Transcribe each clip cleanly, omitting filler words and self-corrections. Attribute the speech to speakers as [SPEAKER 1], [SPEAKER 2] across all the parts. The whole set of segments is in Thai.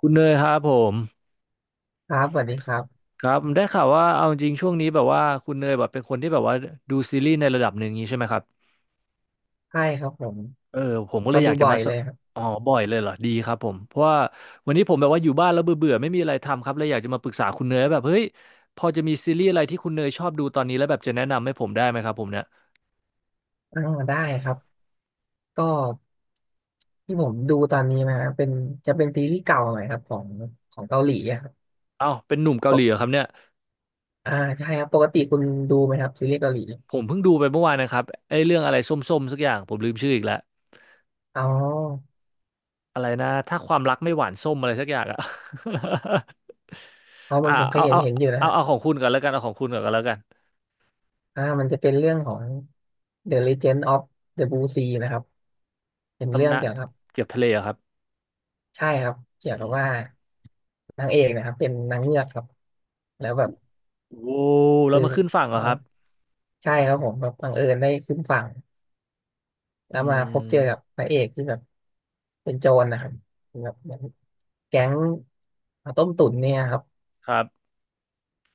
[SPEAKER 1] คุณเนยครับผม
[SPEAKER 2] ครับสวัสดีครับ
[SPEAKER 1] ครับได้ข่าวว่าเอาจริงช่วงนี้แบบว่าคุณเนยแบบเป็นคนที่แบบว่าดูซีรีส์ในระดับหนึ่งงี้ใช่ไหมครับ
[SPEAKER 2] ใช่ครับผม
[SPEAKER 1] เออผมก็เล
[SPEAKER 2] ก็
[SPEAKER 1] ยอ
[SPEAKER 2] ดู
[SPEAKER 1] ยากจะ
[SPEAKER 2] บ่อย
[SPEAKER 1] มาส
[SPEAKER 2] เลยครับ
[SPEAKER 1] อ๋อบ่อยเลยเหรอดีครับผมเพราะว่าวันนี้ผมแบบว่าอยู่บ้านแล้วเบื่อเบื่อไม่มีอะไรทำครับเลยอยากจะมาปรึกษาคุณเนยว่าแบบเฮ้ยพอจะมีซีรีส์อะไรที่คุณเนยชอบดูตอนนี้แล้วแบบจะแนะนำให้ผมได้ไหมครับผมเนี่ย
[SPEAKER 2] อ่าได้ครับก็ที่ผมดูตอนนี้นะฮะเป็นจะเป็นซีรีส์เก่าหน่อยครับของของเกาหลีอะครับ
[SPEAKER 1] เอ้าเป็นหนุ่มเกา
[SPEAKER 2] ป
[SPEAKER 1] หลี
[SPEAKER 2] ก
[SPEAKER 1] เหรอครับเนี่ย
[SPEAKER 2] อ่าใช่ครับปกติคุณดูไหมครับซีรีส์เกาหลี
[SPEAKER 1] ผมเพิ่งดูไปเมื่อวานนะครับไอ้เรื่องอะไรส้มๆสักอย่างผมลืมชื่ออีกแล้ว
[SPEAKER 2] อ๋อ
[SPEAKER 1] อะไรนะถ้าความรักไม่หวานส้มอะไรสักอย่างอะ
[SPEAKER 2] เอามันผมเค
[SPEAKER 1] เอา
[SPEAKER 2] ยเห็น
[SPEAKER 1] เอา
[SPEAKER 2] เห็นอยู่นะ
[SPEAKER 1] เอา
[SPEAKER 2] ฮะ
[SPEAKER 1] เอาของคุณก่อนแล้วกันเอาของคุณก่อนก็แล้วกัน
[SPEAKER 2] มันจะเป็นเรื่องของ The Legend of the Blue Sea นะครับเป็นเรื่อ
[SPEAKER 1] ตำ
[SPEAKER 2] ง
[SPEAKER 1] นาน
[SPEAKER 2] เกี่ยวกับ
[SPEAKER 1] เกือบทะเลเหรอครับ
[SPEAKER 2] ใช่ครับเกี่ย
[SPEAKER 1] อื
[SPEAKER 2] วกับ
[SPEAKER 1] ม
[SPEAKER 2] ว่านางเอกนะครับเป็นนางเงือกครับแล้วแบบ
[SPEAKER 1] โว้วแล้ว
[SPEAKER 2] คือ
[SPEAKER 1] มาขึ้นฝั่งเหรอ
[SPEAKER 2] บั
[SPEAKER 1] ค
[SPEAKER 2] ง
[SPEAKER 1] รับ
[SPEAKER 2] ใช่ครับผมแบบบังเอิญได้ขึ้นฝั่ง แล้
[SPEAKER 1] อื
[SPEAKER 2] วมาพบเจอกับ
[SPEAKER 1] ม
[SPEAKER 2] พระเอกที่แบบเป็นโจรนะครับแบบเหมือนแก๊งต้มตุ๋นเนี่ยครับ
[SPEAKER 1] ครับ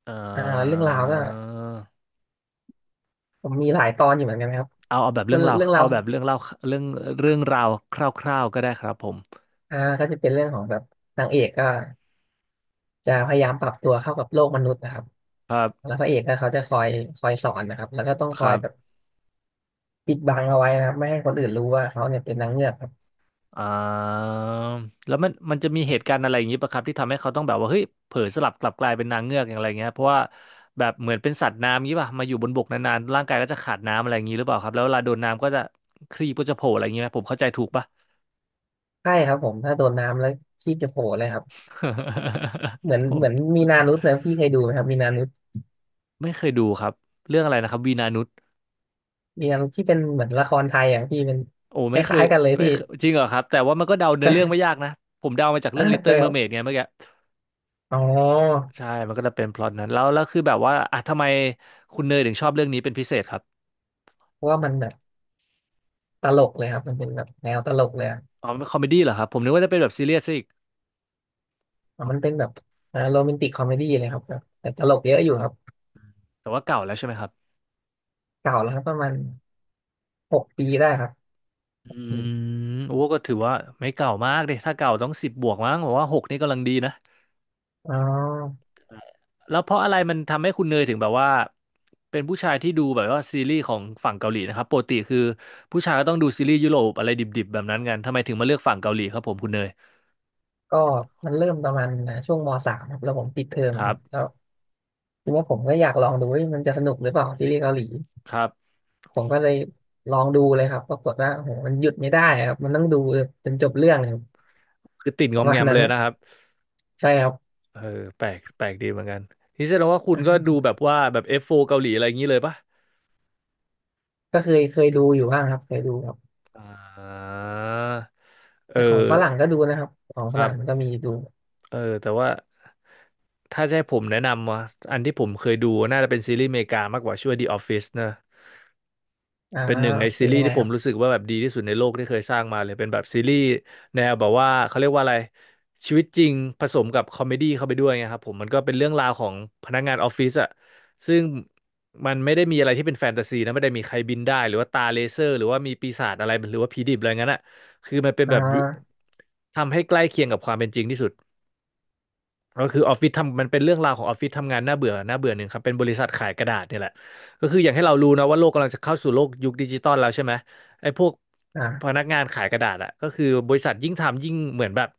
[SPEAKER 1] เอ่
[SPEAKER 2] อ่าเรื่อง
[SPEAKER 1] อ
[SPEAKER 2] ราวก็ผมมีหลายตอนอยู่เหมือนกันนะครับ
[SPEAKER 1] เอาเอาแบบ
[SPEAKER 2] ส่
[SPEAKER 1] เรื่
[SPEAKER 2] วน
[SPEAKER 1] องราว
[SPEAKER 2] เรื่องราว
[SPEAKER 1] เอาแบบเรื่องเล่าเรื่องเรื่องราวคร่าวๆก็ได้ครับผม
[SPEAKER 2] ก็จะเป็นเรื่องของแบบนางเอกก็จะพยายามปรับตัวเข้ากับโลกมนุษย์นะครับ
[SPEAKER 1] ครั
[SPEAKER 2] แล้
[SPEAKER 1] บ
[SPEAKER 2] วพระเอกก็เขาจะคอยสอนนะครับแล้วก็ต้อง
[SPEAKER 1] ค
[SPEAKER 2] คอ
[SPEAKER 1] รั
[SPEAKER 2] ยแบบ
[SPEAKER 1] บ
[SPEAKER 2] ปิดบังเอาไว้นะครับไม่ให้คนอื่นรู้ว่าเขาเนี่ยเป็นนางเงือกครับ
[SPEAKER 1] อ่าแล้วมันจะมีเหตุการณ์อะไรอย่างนี้ปะครับที่ทำให้เขาต้องแบบว่าเฮ้ยเผลอสลับกลับกลายเป็นนางเงือกอย่างไรเงี้ยเพราะว่าแบบเหมือนเป็นสัตว์น้ำงี้ป่ะมาอยู่บนบกนานๆร่างกายก็จะขาดน้ำอะไรอย่างนี้หรือเปล่าครับแล้วเวลาโดนน้ำก็จะครีบก็จะโผล่อะไรอย่างนี้ไหมผมเข้าใจถูกป่ะ
[SPEAKER 2] ใช่ครับผมถ้าโดนน้ำแล้วชีพจะโผล่เลยครับ เหมือน
[SPEAKER 1] โอ้
[SPEAKER 2] มีนานุษย์นะพี่เคยดูไหมครับมีนานุษย์
[SPEAKER 1] ไม่เคยดูครับเรื่องอะไรนะครับวีนานุช
[SPEAKER 2] เรียมที่เป็นเหมือนละครไทยอ่ะพี่เป็น
[SPEAKER 1] โอ้
[SPEAKER 2] ค
[SPEAKER 1] ไม่เคย
[SPEAKER 2] ล้ายๆกันเลย
[SPEAKER 1] ไม่
[SPEAKER 2] พี่
[SPEAKER 1] เคยจริงเหรอครับแต่ว่ามันก็เดา เนื้อเรื่อง
[SPEAKER 2] ใช่
[SPEAKER 1] ไม่ยากนะผมเดามาจาก
[SPEAKER 2] เออ
[SPEAKER 1] เรื่อง
[SPEAKER 2] จะ
[SPEAKER 1] Little
[SPEAKER 2] แบบ
[SPEAKER 1] Mermaid ไงเมื่อกี้
[SPEAKER 2] อ๋อ
[SPEAKER 1] ใช่มันก็จะเป็นพล็อตนั้นแล้วแล้วคือแบบว่าอ่ะทำไมคุณเนยถึงชอบเรื่องนี้เป็นพิเศษครับ
[SPEAKER 2] เพราะว่ามันแบบตลกเลยครับมันเป็นแบบแนวตลกเลยอะ
[SPEAKER 1] อ๋อเป็นคอมเมดี้เหรอครับผมนึกว่าจะเป็นแบบซีเรียสซะอีก
[SPEAKER 2] อ่ะมันเป็นแบบโรแมนติกคอมเมดี้เลยครับแบบแต่ตลกเยอะอยู่ครับ
[SPEAKER 1] แต่ว่าเก่าแล้วใช่ไหมครับ
[SPEAKER 2] เก่าแล้วครับประมาณ6 ปีได้ครับ
[SPEAKER 1] อื
[SPEAKER 2] พี่
[SPEAKER 1] มโอ้ก็ถือว่าไม่เก่ามากดิถ้าเก่าต้องสิบบวกมั้งผมว่าหกนี่กำลังดีนะ
[SPEAKER 2] อ๋อ
[SPEAKER 1] แล้วเพราะอะไรมันทำให้คุณเนยถึงแบบว่าเป็นผู้ชายที่ดูแบบว่าซีรีส์ของฝั่งเกาหลีนะครับปกติคือผู้ชายก็ต้องดูซีรีส์ยุโรปอะไรดิบๆแบบนั้นกันทำไมถึงมาเลือกฝั่งเกาหลีครับผมคุณเนย
[SPEAKER 2] ก็มันเริ่มประมาณช่วงมสามครับแล้วผมปิดเทอม
[SPEAKER 1] ครั
[SPEAKER 2] ครับแล้
[SPEAKER 1] บ
[SPEAKER 2] วทีนี้ผมก็อยากลองดูว่ามันจะสนุกหรือเปล่าซีรีส์เกาหลี
[SPEAKER 1] ครับ
[SPEAKER 2] ผมก็เลยลองดูเลยครับปรากฏว่าโอ้โหมันหยุดไม่ได้ครับมันต้องดูจนจบเรื่องเลยครับ
[SPEAKER 1] คือติด
[SPEAKER 2] ป
[SPEAKER 1] งอ
[SPEAKER 2] ระ
[SPEAKER 1] ม
[SPEAKER 2] มา
[SPEAKER 1] แง
[SPEAKER 2] ณ
[SPEAKER 1] ม
[SPEAKER 2] นั้
[SPEAKER 1] เล
[SPEAKER 2] น
[SPEAKER 1] ยนะครับ
[SPEAKER 2] ใช่ครับ
[SPEAKER 1] เออแปลกดีเหมือนกันนี่แสดงว่าคุณก็ดูแบบว่าแบบ F4 เกาหลีอะไรอย่างนี้เลยปะ
[SPEAKER 2] ก็เคยดูอยู่บ้างครับเคยดูครับ
[SPEAKER 1] อ่าเอ
[SPEAKER 2] แต่
[SPEAKER 1] อ
[SPEAKER 2] ของฝรั่งก็ดูนะครับของ
[SPEAKER 1] ค
[SPEAKER 2] ฝ
[SPEAKER 1] รั
[SPEAKER 2] รั่งมัน
[SPEAKER 1] บ
[SPEAKER 2] ก็มีดู
[SPEAKER 1] เออ แต่ว่าถ้าจะให้ผมแนะนำว่าอันที่ผมเคยดูน่าจะเป็นซีรีส์อเมริกามากกว่าชื่อว่า The Office นะ
[SPEAKER 2] อ่า
[SPEAKER 1] เป็นหนึ่งในซี
[SPEAKER 2] เป็น
[SPEAKER 1] รี
[SPEAKER 2] ยั
[SPEAKER 1] ส์
[SPEAKER 2] งไง
[SPEAKER 1] ที่ผ
[SPEAKER 2] ครั
[SPEAKER 1] ม
[SPEAKER 2] บ
[SPEAKER 1] รู้สึกว่าแบบดีที่สุดในโลกที่เคยสร้างมาเลยเป็นแบบซีรีส์แนวแบบว่าเขาเรียกว่าอะไรชีวิตจริงผสมกับคอมเมดี้เข้าไปด้วยไงครับผมมันก็เป็นเรื่องราวของพนักงานออฟฟิศอะซึ่งมันไม่ได้มีอะไรที่เป็นแฟนตาซีนะไม่ได้มีใครบินได้หรือว่าตาเลเซอร์หรือว่ามีปีศาจอะไรหรือว่าผีดิบอะไรงั้นอะคือมันเป็น
[SPEAKER 2] อ่
[SPEAKER 1] แบบ
[SPEAKER 2] า
[SPEAKER 1] ทำให้ใกล้เคียงกับความเป็นจริงที่สุดก็คือออฟฟิศทำมันเป็นเรื่องราวของออฟฟิศทำงานน่าเบื่อหนึ่งครับเป็นบริษัทขายกระดาษเนี่ยแหละก็คืออย่างให้เรารู้นะว่าโลกกำลังจะเข้าสู่โลกยุคดิจิตอลแล้วใช่ไหม ไอ้พวกพ
[SPEAKER 2] อ่า
[SPEAKER 1] นักงานขายกระดาษอะก็คือบริษัทยิ่งทำยิ่งเหมือนแบบ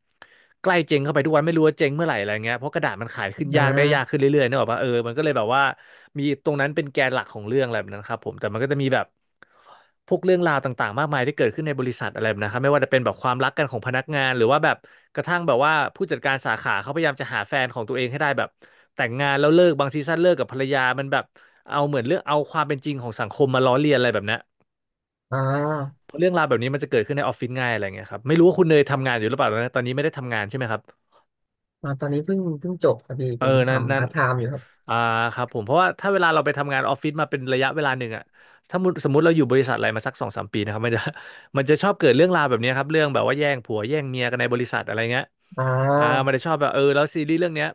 [SPEAKER 1] ใกล้เจ๊งเข้าไปทุกวันไม่รู้ว่าเจ๊งเมื่อไหร่อะไรเงี้ยเพราะกระดาษมันขายขึ้น
[SPEAKER 2] อ่
[SPEAKER 1] ยากได้ยากขึ้น
[SPEAKER 2] า
[SPEAKER 1] เรื่อยๆนึกออกปะเออมันก็เลยแบบว่ามีตรงนั้นเป็นแกนหลักของเรื่องอะไรแบบนั้นครับผมแต่มันก็จะมีแบบพวกเรื่องราวต่างๆมากมายที่เกิดขึ้นในบริษัทอะไรแบบนะครับไม่ว่าจะเป็นแบบความรักกันของพนักงานหรือว่าแบบกระทั่งแบบว่าผู้จัดการสาขาเขาพยายามจะหาแฟนของตัวเองให้ได้แบบแต่งงานแล้วเลิกบางซีซั่นเลิกกับภรรยามันแบบเอาเหมือนเรื่องเอาความเป็นจริงของสังคมมาล้อเลียนอะไรแบบเนี้ย
[SPEAKER 2] อ่า
[SPEAKER 1] เพราะเรื่องราวแบบนี้มันจะเกิดขึ้นในออฟฟิศง่ายอะไรเงี้ยครับไม่รู้ว่าคุณเนยทำงานอยู่หรือเปล่าตอนนี้ไม่ได้ทำงานใช่ไหมครับ
[SPEAKER 2] ตอนนี้เพิ่งจบครับพี่
[SPEAKER 1] เออ
[SPEAKER 2] เป็น
[SPEAKER 1] นั่น
[SPEAKER 2] ทำ
[SPEAKER 1] นั่น
[SPEAKER 2] พาร์ทไทม์อยู่ครับ
[SPEAKER 1] อ่าครับผมเพราะว่าถ้าเวลาเราไปทำงานออฟฟิศมาเป็นระยะเวลาหนึ่งอะถ้าสมมติเราอยู่บริษัทอะไรมาสักสองสามปีนะครับมันจะ มันจะชอบเกิดเรื่องราวแบบเนี้ยครับเรื่องแบบว่าแย่งผัวแย่งเมียกันในบริษัทอะไรเงี้ย
[SPEAKER 2] อ่
[SPEAKER 1] อ่า
[SPEAKER 2] า
[SPEAKER 1] มันจะชอบแบบเออแล้วซีรีส์เรื่องเนี้ย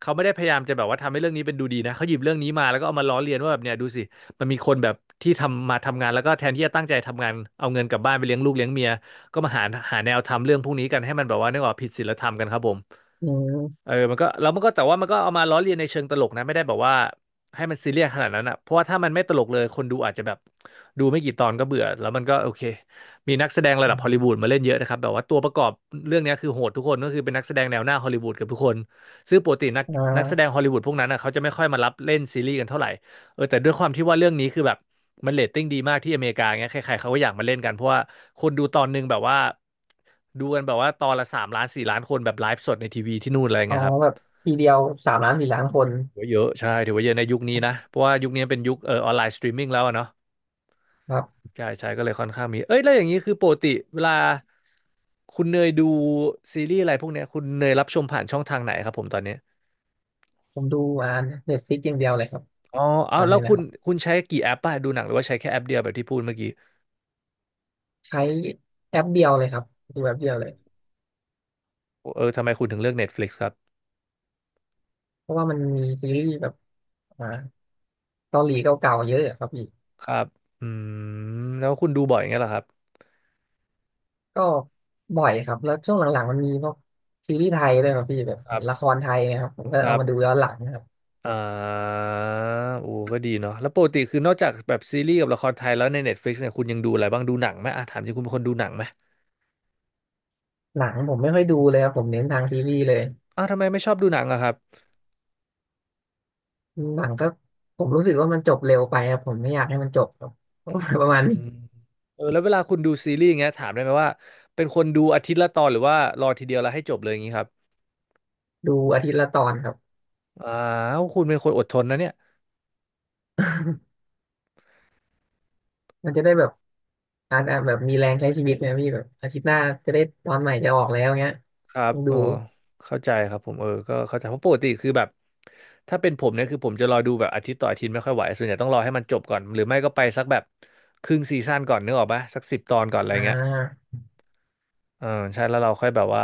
[SPEAKER 1] เขาไม่ได้พยายามจะแบบว่าทำให้เรื่องนี้เป็นดูดีนะเขาหยิบเรื่องนี้มาแล้วก็เอามาล้อเลียนว่าแบบเนี่ยดูสิมันมีคนแบบที่ทำมาทำงานแล้วก็แทนที่จะตั้งใจทำงานเอาเงินกลับบ้านไปเลี้ยงลูกเลี้ยงเมียก็มาหาหาแนวทำเรื่องพวกนี้กันให้มันแบบว่านึกออกผิดศีลธรรมกันครับผม
[SPEAKER 2] อื
[SPEAKER 1] เอ
[SPEAKER 2] ม
[SPEAKER 1] อมันก็แต่ว่ามันก็เอามาล้อเลียนในเชิงตลกนะไม่ได้แบบว่าให้มันซีเรียสขนาดนั้นอ่ะเพราะว่าถ้ามันไม่ตลกเลยคนดูอาจจะแบบดูไม่กี่ตอนก็เบื่อแล้วมันก็โอเคมีนักแสดงระ
[SPEAKER 2] อ
[SPEAKER 1] ดับฮอลลีวู
[SPEAKER 2] ม
[SPEAKER 1] ดมาเล่นเยอะนะครับแบบว่าตัวประกอบเรื่องเนี้ยคือโหดทุกคนก็คือเป็นนักแสดงแนวหน้าฮอลลีวูดเกับทุกคนซึ่งปกติ
[SPEAKER 2] อ่
[SPEAKER 1] นักแสดง
[SPEAKER 2] า
[SPEAKER 1] ฮอลลีวูดพวกนั้นอ่ะเขาจะไม่ค่อยมารับเล่นซีรีส์กันเท่าไหร่เออแต่ด้วยความที่ว่าเรื่องนี้คือแบบ มันเรตติ้งดีมากที่อเมริกาเงี้ยใครๆเขาก็อยากมาเล่นกันเพราะว่าคนดูตอนหนึงแบบว่าดูกันแบบว่าตอนละสามล้านสี่ล้านคนแบบไลฟ์สดในทีวีที่นู่นอะไร
[SPEAKER 2] อ๋อ
[SPEAKER 1] เงี้ยครับ
[SPEAKER 2] แบบทีเดียว3 ล้าน4 ล้านคน
[SPEAKER 1] ถือว่าเยอะใช่ถือว่าเยอะในยุคนี้นะเพราะว่ายุคนี้เป็นยุคออนไลน์สตรีมมิ่งแล้วอะเนาะ
[SPEAKER 2] ครับ
[SPEAKER 1] ใช่ใช่ก็เลยค่อนข้างมีเอ้ยแล้วอย่างนี้คือปกติเวลาคุณเนยดูซีรีส์อะไรพวกเนี้ยคุณเนยรับชมผ่านช่องทางไหนครับผมตอนนี้
[SPEAKER 2] ผมดูอ่าเน็ตฟลิกอย่างเดียวเลยครับ
[SPEAKER 1] อ๋อ
[SPEAKER 2] ต
[SPEAKER 1] เอา
[SPEAKER 2] อน
[SPEAKER 1] แล้
[SPEAKER 2] นี้
[SPEAKER 1] ว
[SPEAKER 2] นะ
[SPEAKER 1] คุ
[SPEAKER 2] ค
[SPEAKER 1] ณ
[SPEAKER 2] รับ
[SPEAKER 1] คุณใช้กี่แอปป่ะดูหนังหรือว่าใช้แค่แอปเดียวแบบที่พูดเมื่อกี้
[SPEAKER 2] ใช้แอปเดียวเลยครับดูแอปเดียวเลย
[SPEAKER 1] เออทำไมคุณถึงเลือก Netflix ครับ
[SPEAKER 2] เพราะว่ามันมีซีรีส์แบบอ่าเกาหลีเก่าๆเยอะอะครับพี่
[SPEAKER 1] ครับอืมแล้วคุณดูบ่อยอย่างเงี้ยเหรอครับ
[SPEAKER 2] ก็บ่อยครับแล้วช่วงหลังๆมันมีพวกซีรีส์ไทยด้วยครับพี่แบบ
[SPEAKER 1] ครับ
[SPEAKER 2] ละครไทยเนะครับผมก็
[SPEAKER 1] ค
[SPEAKER 2] เอา
[SPEAKER 1] รับ
[SPEAKER 2] มาดูย้อนหลังนะครับ
[SPEAKER 1] อ่าโอ้ก็ดีเนาะแล้วปกติคือนอกจากแบบซีรีส์กับละครไทยแล้วใน Netflix เนี่ยคุณยังดูอะไรบ้างดูหนังไหมอ่ะถามจริงคุณเป็นคนดูหนังไหม
[SPEAKER 2] หนังผมไม่ค่อยดูเลยครับผมเน้นทางซีรีส์เลย
[SPEAKER 1] อ้าวทำไมไม่ชอบดูหนังอะครับ
[SPEAKER 2] หนังก็ผมรู้สึกว่ามันจบเร็วไปครับผมไม่อยากให้มันจบครับ ประมาณ
[SPEAKER 1] อื
[SPEAKER 2] นี้
[SPEAKER 1] มเออแล้วเวลาคุณดูซีรีส์อย่างเงี้ยถามได้ไหมว่าเป็นคนดูอาทิตย์ละตอนหรือว่ารอทีเดียวแล้วให้จบเลยอย่างงี้ครับ
[SPEAKER 2] ดูอาทิตย์ละตอนครับ
[SPEAKER 1] อ้าวคุณเป็นคนอดทนนะเนี่ย
[SPEAKER 2] มันจะได้แบบอาจจะแบบมีแรงใช้ชีวิตนะพี่แบบอาทิตย์หน้าจะได้ตอนใหม่จะออกแล้วเงี้ย
[SPEAKER 1] ครับ
[SPEAKER 2] ต้องดู
[SPEAKER 1] อ๋อเข้าใจครับผมเออก็เข้าใจเพราะปกติคือแบบถ้าเป็นผมเนี่ยคือผมจะรอดูแบบอาทิตย์ต่ออาทิตย์ไม่ค่อยไหวส่วนใหญ่ต้องรอให้มันจบก่อนหรือไม่ก็ไปสักแบบครึ่งซีซั่นก่อนนึกออกปะสักสิบตอนก่อนอะไร
[SPEAKER 2] อ่
[SPEAKER 1] เงี้ย
[SPEAKER 2] า
[SPEAKER 1] เออใช่แล้วเราค่อยแบบว่า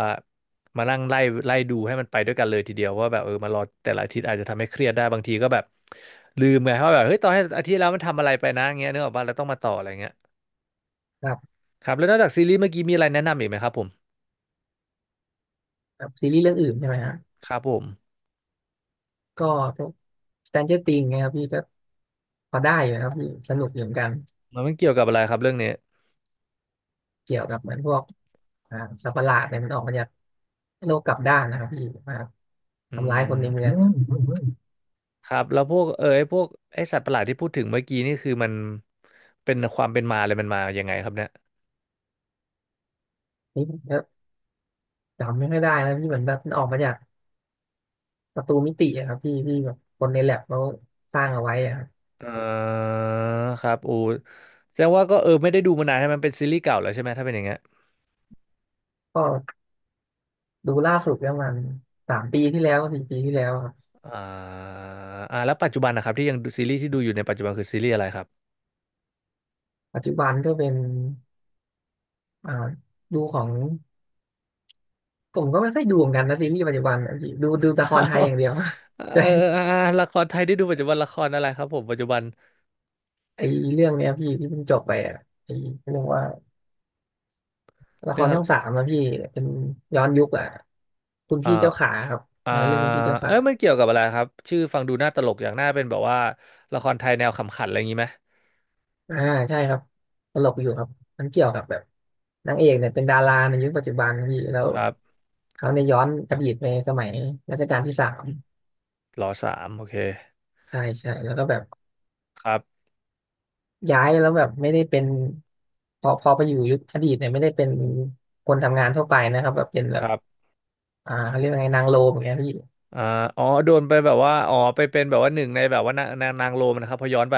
[SPEAKER 1] มานั่งไล่ดูให้มันไปด้วยกันเลยทีเดียวว่าแบบเออมารอแต่ละอาทิตย์อาจจะทำให้เครียดได้บางทีก็แบบลืมไงเพราะแบบเฮ้ยตอนให้อาทิตย์แล้วมันทำอะไรไปนะเงี้ยนึกออกปะแล้วต้องมาต่ออะไรเงี้ย
[SPEAKER 2] แบบ
[SPEAKER 1] ครับแล้วนอกจากซีรีส์เมื่อกี้มีอะไรแนะนำอีกไหมครับผม
[SPEAKER 2] แบบซีรีส์เรื่องอื่นใช่ไหมฮะ
[SPEAKER 1] ครับผม
[SPEAKER 2] ก็พวก Stranger Things นะครับพี่ก็พอได้อยู่นะครับพี่สนุกอยู่เหมือนกัน
[SPEAKER 1] มันเกี่ยวกับอะไรครับเรื่องนี้
[SPEAKER 2] เกี่ยวกับเหมือนพวกอ่าสัตว์ประหลาดเนี่ยมันออกมาจากโลกกลับด้านนะครับพี่มา
[SPEAKER 1] อื
[SPEAKER 2] ทำร้ายคนในเมือง
[SPEAKER 1] ม ครับแล้วพวกเออไอ้พวกไอ้สัตว์ประหลาดที่พูดถึงเมื่อกี้นี่คือมันเป็นความเป็นมาเลยมันมายังไงครับเนี่ย
[SPEAKER 2] นี่ก็จำไม่ค่อยได้แล้วพี่เหมือนแบบมันออกมาจากประตูมิติอะครับพี่ที่แบบคนในแลบเขาสร้างเอาไว้อะครับ
[SPEAKER 1] เออครับอูแสดงว่าก็เออไม่ได้ดูมานานใช่ไหมมันเป็นซีรีส์เก่าแล้วใช่ไหมถ้าเป็นอย่างเงี้ย
[SPEAKER 2] ก็ดูล่าสุดประมัน3 ปีที่แล้ว4 ปีที่แล้วครับ
[SPEAKER 1] อ่าอ่าแล้วปัจจุบันนะครับที่ยังดูซีรีส์ที่ดูอยู่ในปัจจุบันคือซีรีส์อะไรครับ
[SPEAKER 2] ปัจจุบันก็เป็นอ่าดูของผมก็ไม่ค่อยดูเหมือนกันนะซีรีส์ปัจจุบันอะพี่ดูละครไทยอย่า งเดียว
[SPEAKER 1] เอ
[SPEAKER 2] ใช่
[SPEAKER 1] ออ่าละครไทยที่ดูปัจจุบันละครอะไรครับผมปัจจุบัน
[SPEAKER 2] ไอเรื่องเนี้ยพี่ที่เพิ่งจบไปอะไอเรื่องว่า ละค
[SPEAKER 1] เรื่อง
[SPEAKER 2] ร
[SPEAKER 1] อะ
[SPEAKER 2] ช่อ
[SPEAKER 1] ไร
[SPEAKER 2] งสามอะพี่เป็นย้อนยุคอะคุณ
[SPEAKER 1] อ่า
[SPEAKER 2] พี่เจ้าขาครับ
[SPEAKER 1] อ่า
[SPEAKER 2] เออเรื่องคุณพี่เจ้า
[SPEAKER 1] เอ้
[SPEAKER 2] ขา
[SPEAKER 1] ยมันเกี่ยวกับอะไรครับชื่อฟังดูน่าตลกอย่างน่าเป็นแบบว่าละครไทยแนวขำขันอะไรอย่างนี้ไหม
[SPEAKER 2] อ่าใช่ครับตลกอยู่ครับมันเกี่ยวกับแบบนางเอกเนี่ยเป็นดาราในยุคปัจจุบันครับพี่แล้ว
[SPEAKER 1] ครับ
[SPEAKER 2] เขาในยย้อนอดีตไปสมัยรัชกาลที่ 3
[SPEAKER 1] รอสามโอเค
[SPEAKER 2] ใช่ใช่แล้วก็แบบ
[SPEAKER 1] ครับ
[SPEAKER 2] ย้ายแล้วแบบไม่ได้เป็นพอไปอยู่ยุคอดีตเนี่ยไม่ได้เป็นคนทำงานทั่วไปนะครับแบบเป็นแบ
[SPEAKER 1] ค
[SPEAKER 2] บ
[SPEAKER 1] รับ
[SPEAKER 2] เขาเรียกว่าไงนางโลมอย่างเงี้ยพี่
[SPEAKER 1] อ่าอ๋อโดนไปแบบว่าอ๋อไปเป็นแบบว่าหนึ่งในแบบว่านางโรมนะครับพอย้อนไป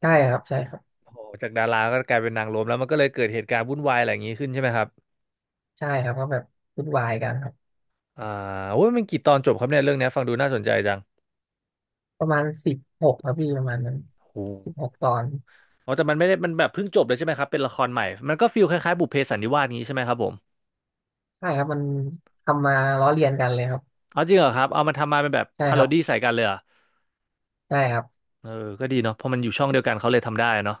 [SPEAKER 2] ใช่ครับใช่ครับ
[SPEAKER 1] โอ้โหจากดาราก็กลายเป็นนางโรมแล้วมันก็เลยเกิดเหตุการณ์วุ่นวายอะไรอย่างนี้ขึ้นใช่ไหมครับ
[SPEAKER 2] ใช่ครับก็แบบวุ่นวายกันครับ
[SPEAKER 1] อ่าโอ้ยมันกี่ตอนจบครับเนี่ยเรื่องเนี้ยฟังดูน่าสนใจจัง
[SPEAKER 2] ประมาณ16ครับพี่ประมาณนั้น
[SPEAKER 1] โอ้
[SPEAKER 2] 16 ตอน
[SPEAKER 1] อ๋อแต่มันไม่ได้มันแบบเพิ่งจบเลยใช่ไหมครับเป็นละครใหม่มันก็ฟีลคล้ายๆบุพเพสันนิวาสงนี้ใช่ไหมครับผม
[SPEAKER 2] ใช่ครับมันทำมาล้อเลียนกันเลยครับ
[SPEAKER 1] เอาจริงเหรอครับเอามาเป็นแบบ
[SPEAKER 2] ใช่
[SPEAKER 1] พา
[SPEAKER 2] ค
[SPEAKER 1] โร
[SPEAKER 2] รับ
[SPEAKER 1] ดี้ใส่กันเลยเหรอ
[SPEAKER 2] ใช่ครับ
[SPEAKER 1] เออก็ดีเนาะเพราะมันอยู่ช่องเดียวกันเขาเลยทำได้เนาะ